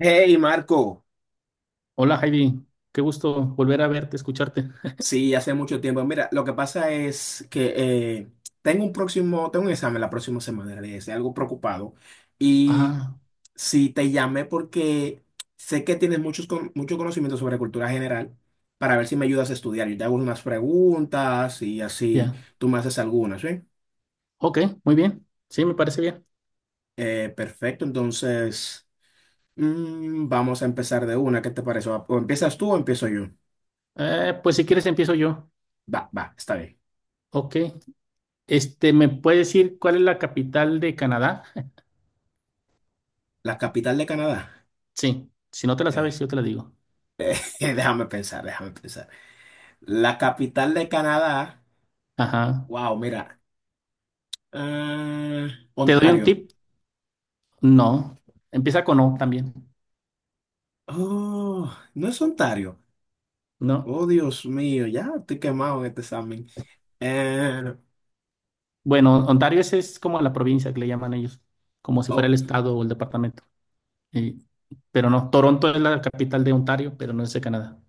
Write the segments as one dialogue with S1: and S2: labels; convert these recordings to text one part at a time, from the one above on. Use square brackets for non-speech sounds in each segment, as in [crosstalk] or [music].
S1: Hey Marco,
S2: Hola Javi, qué gusto volver a verte, escucharte.
S1: sí, hace mucho tiempo. Mira, lo que pasa es que tengo un examen la próxima semana, de ese, algo preocupado. Y
S2: Ah,
S1: sí, te llamé porque sé que tienes mucho conocimiento sobre cultura general para ver si me ayudas a estudiar. Yo te hago unas preguntas y así
S2: ya.
S1: tú me haces algunas, ¿sí?
S2: Ok, muy bien. Sí, me parece bien.
S1: Perfecto, entonces vamos a empezar de una. ¿Qué te parece? ¿O empiezas tú o empiezo yo?
S2: Pues si quieres empiezo yo.
S1: Va, va, está bien.
S2: Ok. Este, ¿me puedes decir cuál es la capital de Canadá?
S1: La capital de Canadá.
S2: Sí. Si no te la
S1: Eh,
S2: sabes, yo te la digo.
S1: [laughs] Déjame pensar, déjame pensar. La capital de Canadá.
S2: Ajá.
S1: Wow, mira. ah,
S2: ¿Te doy un
S1: Ontario.
S2: tip? No. Empieza con O también.
S1: Oh, no es Ontario.
S2: No.
S1: Oh, Dios mío, ya estoy quemado en este examen. Eh,
S2: Bueno, Ontario es como la provincia que le llaman ellos, como si fuera el
S1: oh,
S2: estado o el departamento. Y- pero no, Toronto es la capital de Ontario, pero no es de Canadá.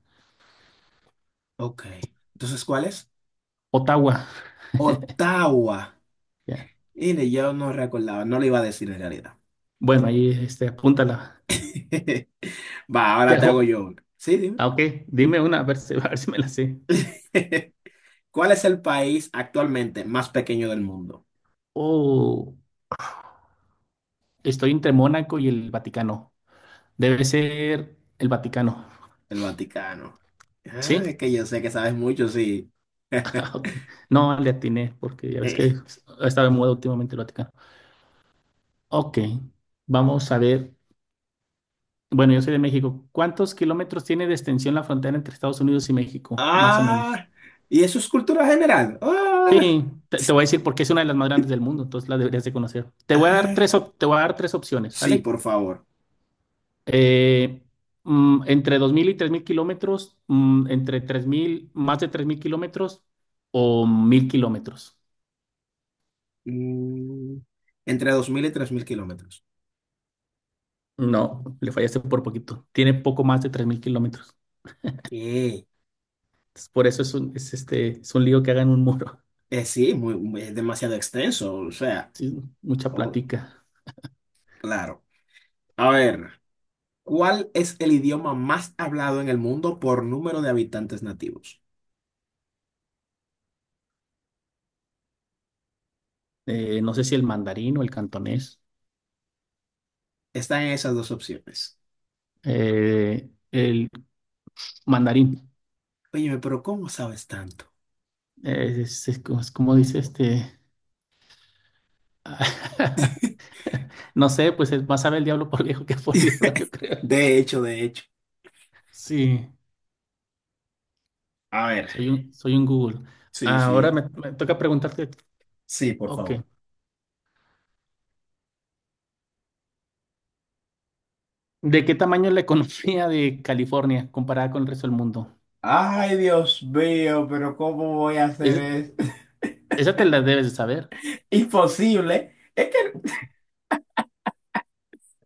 S1: ok. Entonces, ¿cuál es?
S2: Ottawa.
S1: Ottawa.
S2: Ya.
S1: Mire, yo no recordaba, no le iba a decir en realidad.
S2: Bueno, ahí este, apúntala.
S1: [laughs] Va,
S2: Te
S1: ahora te hago
S2: ajo-
S1: yo una. Sí, dime.
S2: Ah, ok, dime una, a ver si, [laughs] a ver si me la sé.
S1: [laughs] ¿Cuál es el país actualmente más pequeño del mundo?
S2: Oh, estoy entre Mónaco y el Vaticano. Debe ser el Vaticano.
S1: El Vaticano. Ah,
S2: ¿Sí?
S1: es
S2: [laughs]
S1: que yo sé que sabes mucho, sí.
S2: Ah, ok.
S1: [laughs]
S2: No, le atiné porque ya ves que
S1: Eh,
S2: ha estado de moda últimamente el Vaticano. Ok, vamos a ver. Bueno, yo soy de México. ¿Cuántos kilómetros tiene de extensión la frontera entre Estados Unidos y México? Más o menos.
S1: Ah, y eso es cultura general. Ah,
S2: Sí, te voy a decir porque es una de las más grandes del mundo, entonces la deberías de conocer.
S1: ah.
S2: Te voy a dar tres opciones,
S1: Sí,
S2: ¿sale?
S1: por favor.
S2: Eh, Entre 2.000 y 3.000 kilómetros, entre 3.000 más de 3.000 kilómetros o 1.000 kilómetros.
S1: Mm, entre 2.000 y 3.000 kilómetros.
S2: No, le fallaste por poquito. Tiene poco más de 3.000 kilómetros.
S1: ¿Qué?
S2: Entonces, por eso es un lío que hagan un muro. [laughs]
S1: Sí, es demasiado extenso, o sea,
S2: Sí, mucha
S1: oh,
S2: plática.
S1: claro. A ver, ¿cuál es el idioma más hablado en el mundo por número de habitantes nativos?
S2: No sé si el mandarín o el cantonés.
S1: Están esas dos opciones.
S2: El mandarín.
S1: Óyeme, pero ¿cómo sabes tanto?
S2: Es como dice este. [laughs] No sé, pues es más sabe el diablo por viejo que por diablo,
S1: [laughs]
S2: yo creo.
S1: De hecho, de hecho.
S2: Sí.
S1: A ver,
S2: Soy un Google.
S1: sí,
S2: Ahora
S1: sí,
S2: me toca preguntarte,
S1: sí, por
S2: ok,
S1: favor.
S2: ¿de qué tamaño es la economía de California comparada con el resto del mundo?
S1: Ay, Dios mío, pero ¿cómo voy a hacer
S2: Es-
S1: eso? [laughs]
S2: Esa te la debes de saber.
S1: Imposible. Es que,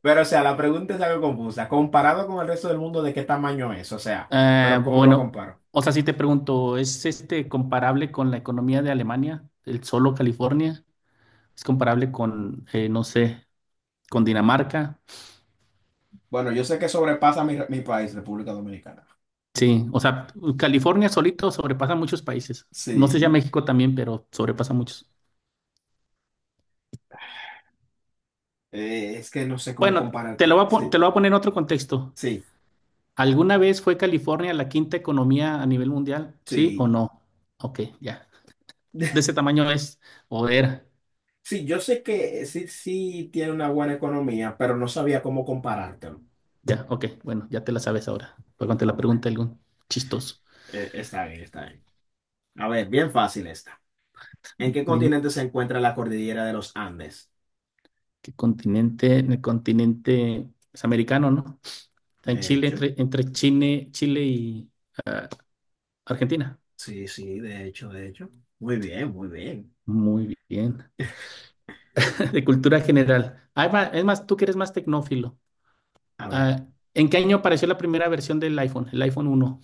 S1: pero, o sea, la pregunta es algo confusa. Comparado con el resto del mundo, ¿de qué tamaño es? O sea,
S2: Ah,
S1: pero ¿cómo lo
S2: bueno,
S1: comparo?
S2: o sea, si te pregunto, ¿es este comparable con la economía de Alemania, el solo California? ¿Es comparable con, no sé, con Dinamarca?
S1: Bueno, yo sé que sobrepasa mi país, República Dominicana.
S2: Sí, o sea, California solito sobrepasa muchos países. No sé si a
S1: Sí,
S2: México también, pero sobrepasa muchos.
S1: es que no sé cómo
S2: Bueno,
S1: comparártela.
S2: te
S1: Sí,
S2: lo voy a poner en otro contexto.
S1: sí,
S2: ¿Alguna vez fue California la quinta economía a nivel mundial? ¿Sí o
S1: sí.
S2: no? Ok, ya. De ese
S1: [laughs]
S2: tamaño es o era.
S1: Sí, yo sé que sí, sí tiene una buena economía, pero no sabía cómo comparártelo.
S2: Ya, ok, bueno, ya te la sabes ahora. Pero cuando te
S1: Ah,
S2: la
S1: bueno.
S2: pregunta algún chistoso.
S1: Está bien, está bien. A ver, bien fácil esta. ¿En qué
S2: Dime
S1: continente se encuentra la cordillera de los Andes?
S2: qué continente, en el continente es americano, ¿no? Está en
S1: De
S2: Chile,
S1: hecho,
S2: entre Chile y ah, Argentina.
S1: sí, sí, de hecho, de hecho. Muy bien, muy bien.
S2: Muy bien. [laughs] De cultura general. Ah, es más, tú que eres más tecnófilo.
S1: A ver.
S2: Ah, ¿en qué año apareció la primera versión del iPhone, el iPhone uno.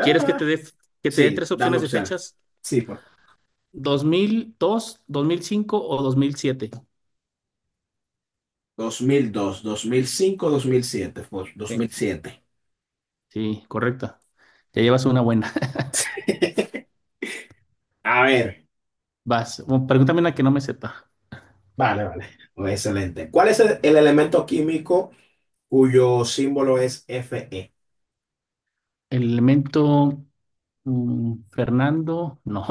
S2: ¿Quieres que te dé
S1: sí,
S2: tres
S1: dame
S2: opciones de
S1: opciones.
S2: fechas?
S1: Sí, por favor.
S2: 2002, dos mil, mil cinco o 2007.
S1: 2002, 2005, 2007, por dos mil
S2: Sí,
S1: siete.
S2: sí, correcta. Ya llevas una buena.
S1: [laughs] A ver.
S2: [laughs] Vas, bueno, pregúntame una que no me sepa.
S1: Vale, vale. Muy excelente. ¿Cuál es el elemento químico cuyo símbolo es Fe?
S2: El elemento Fernando, no.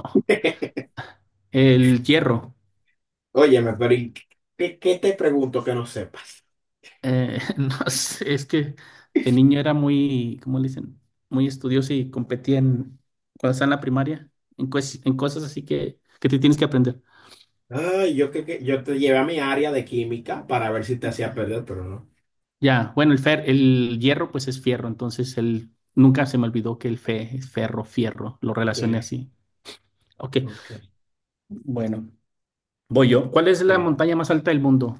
S2: El hierro.
S1: Óyeme, pero ¿qué te pregunto que no sepas?
S2: [laughs] No sé, es que de niño era muy, ¿cómo le dicen? Muy estudioso y competía en, cuando estaba en la primaria, en cosas así que te tienes que aprender.
S1: Ay, yo creo que yo te llevé a mi área de química para ver si te hacía perder, pero no.
S2: Ya, bueno, el hierro pues es fierro, entonces él nunca se me olvidó que el fe es ferro, fierro, lo relacioné
S1: Sí,
S2: así. Ok,
S1: ok,
S2: bueno, voy yo. ¿Cuál es la
S1: sí.
S2: montaña más alta del mundo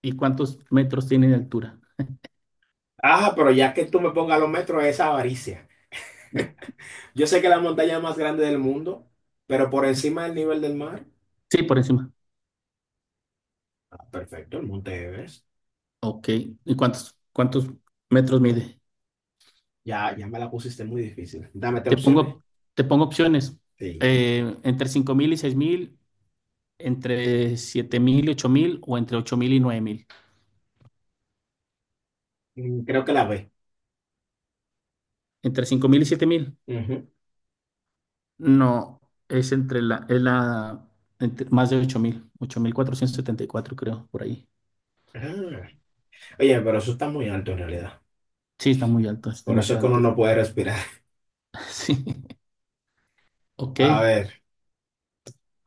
S2: y cuántos metros tiene de altura?
S1: Ah, pero ya que tú me pongas los metros, esa avaricia. Yo sé que la montaña más grande del mundo, pero por encima del nivel del mar.
S2: Sí, por encima.
S1: Ah, perfecto, el Monte Everest.
S2: Ok, ¿y cuántos metros mide?
S1: Ya, ya me la pusiste muy difícil. Dame tres
S2: Te
S1: opciones.
S2: pongo, te pongo opciones.
S1: Sí.
S2: Entre 5.000 y 6.000, entre 7.000 y 8.000 o entre 8.000 y 9.000.
S1: Mm, creo que la B.
S2: Entre 5.000 y 7.000.
S1: Ujú.
S2: No, es entre la, es la entre- más de 8.474, creo, por ahí.
S1: Ah. Oye, pero eso está muy alto en realidad.
S2: Sí, está muy alto, es
S1: Por eso es
S2: demasiada
S1: que uno no
S2: altura.
S1: puede respirar.
S2: [laughs] Sí, ok.
S1: A ver.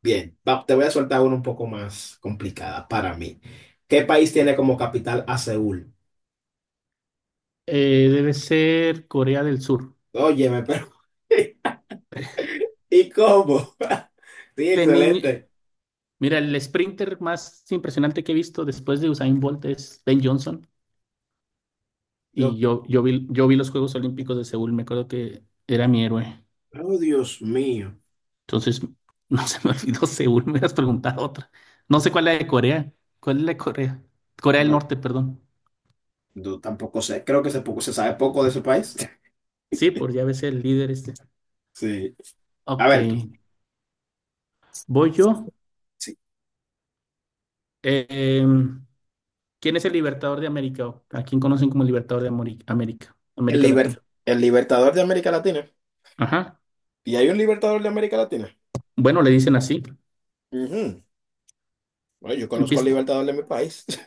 S1: Bien, te voy a soltar una un poco más complicada para mí. ¿Qué país tiene como capital a Seúl?
S2: Debe ser Corea del Sur.
S1: Óyeme, pero [laughs]
S2: [laughs]
S1: ¿y cómo? [laughs] Sí,
S2: De niño
S1: excelente.
S2: mira, el sprinter más impresionante que he visto después de Usain Bolt es Ben Johnson. Y
S1: No,
S2: yo, yo vi, yo vi los Juegos Olímpicos de Seúl, me acuerdo que era mi héroe.
S1: oh, Dios mío.
S2: Entonces, [laughs] no se me olvidó Seúl, me hubieras preguntado otra. No sé cuál es la de Corea. ¿Cuál es la de Corea? Corea del
S1: No,
S2: Norte, perdón.
S1: no, tampoco sé. Creo que se sabe poco de ese país. [laughs]
S2: Sí, por ya ves el líder este.
S1: Sí. A
S2: Ok,
S1: ver tú.
S2: voy yo.
S1: Sí.
S2: Eh, em, ¿Quién es el libertador de América? O ¿a quién conocen como el libertador de América?
S1: El,
S2: América
S1: liber-
S2: Latina.
S1: el libertador de América Latina.
S2: Ajá.
S1: ¿Y hay un libertador de América Latina?
S2: Bueno, le dicen así.
S1: Ujú. Bueno, yo conozco al
S2: Empieza.
S1: libertador de mi país. [laughs]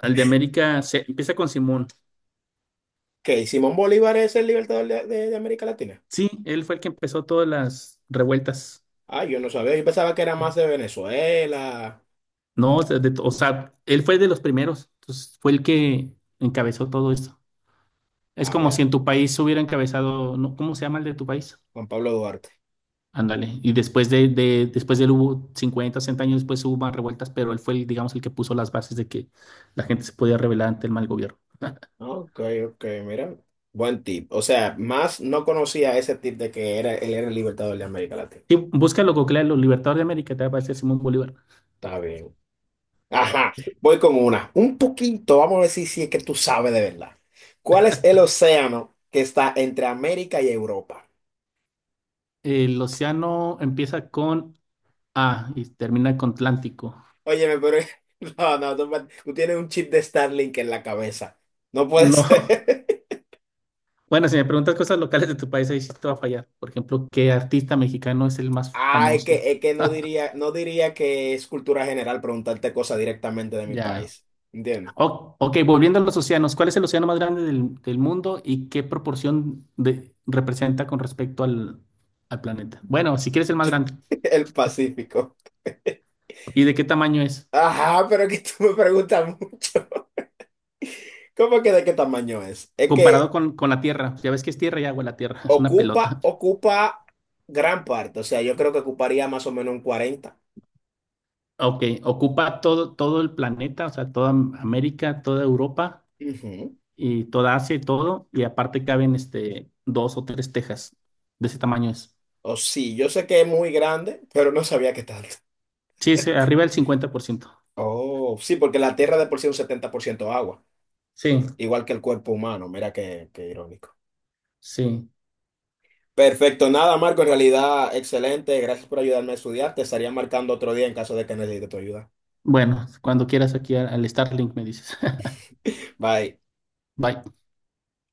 S2: El de América se empieza con Simón.
S1: Que ¿Simón Bolívar es el libertador de, de América Latina?
S2: Sí, él fue el que empezó todas las revueltas.
S1: Ah, yo no sabía, yo pensaba que era más de Venezuela.
S2: No, o sea, o sea, él fue de los primeros. Entonces, fue el que encabezó todo esto. Es
S1: Ah,
S2: como si
S1: mira,
S2: en tu país hubiera encabezado, ¿no? ¿Cómo se llama el de tu país?
S1: Juan Pablo Duarte.
S2: Ándale. Y después de él hubo 50, 60 años después hubo más revueltas, pero él fue, el, digamos, el que puso las bases de que la gente se podía rebelar ante el mal gobierno. [laughs]
S1: Ok, ok, mira. Buen tip. O sea, más no conocía ese tip de que era, él era el libertador de América Latina.
S2: Sí, búscalo, googlea, los libertadores de América, te va a aparecer Simón Bolívar.
S1: Está bien. Ajá, voy con una. Un poquito, vamos a ver si es que tú sabes de verdad. ¿Cuál es el océano que está entre América y Europa?
S2: El océano empieza con A y termina con Atlántico.
S1: Óyeme, pero... [laughs] No, no, tú tienes un chip de Starlink en la cabeza. No puede [laughs]
S2: No. [laughs]
S1: ser.
S2: Bueno, si me preguntas cosas locales de tu país, ahí sí te va a fallar. Por ejemplo, ¿qué artista mexicano es el más
S1: Ah, es
S2: famoso?
S1: que, es que no
S2: [laughs]
S1: diría, no diría que es cultura general preguntarte cosas directamente de mi
S2: Ya.
S1: país. ¿Entiendes?
S2: Ok, volviendo a los océanos, ¿cuál es el océano más grande del mundo y qué proporción representa con respecto al planeta? Bueno, si quieres el más grande.
S1: [laughs] El Pacífico.
S2: ¿Y de qué tamaño es?
S1: Ajá, pero que tú me preguntas mucho. [laughs] ¿Cómo que de qué tamaño es? Es
S2: Comparado
S1: que
S2: con la Tierra. Ya ves que es tierra y agua la Tierra, [laughs] es una pelota.
S1: ocupa gran parte. O sea, yo creo que ocuparía más o menos un 40.
S2: Ok, ocupa todo, todo el planeta, o sea, toda América, toda Europa
S1: Ujú.
S2: y toda Asia y todo. Y aparte caben este, dos o tres Texas. De ese tamaño es.
S1: O sí, yo sé que es muy grande, pero no sabía qué tanto.
S2: Sí, es arriba del 50%.
S1: Oh, sí, porque la
S2: Ok.
S1: Tierra de por sí es un 70% agua,
S2: Sí,
S1: igual que el cuerpo humano. Mira qué, irónico.
S2: sí.
S1: Perfecto, nada, Marco, en realidad excelente. Gracias por ayudarme a estudiar. Te estaría marcando otro día en caso de que necesite tu ayuda.
S2: Bueno, cuando quieras aquí al Starlink me dices. [laughs]
S1: Bye.
S2: Bye.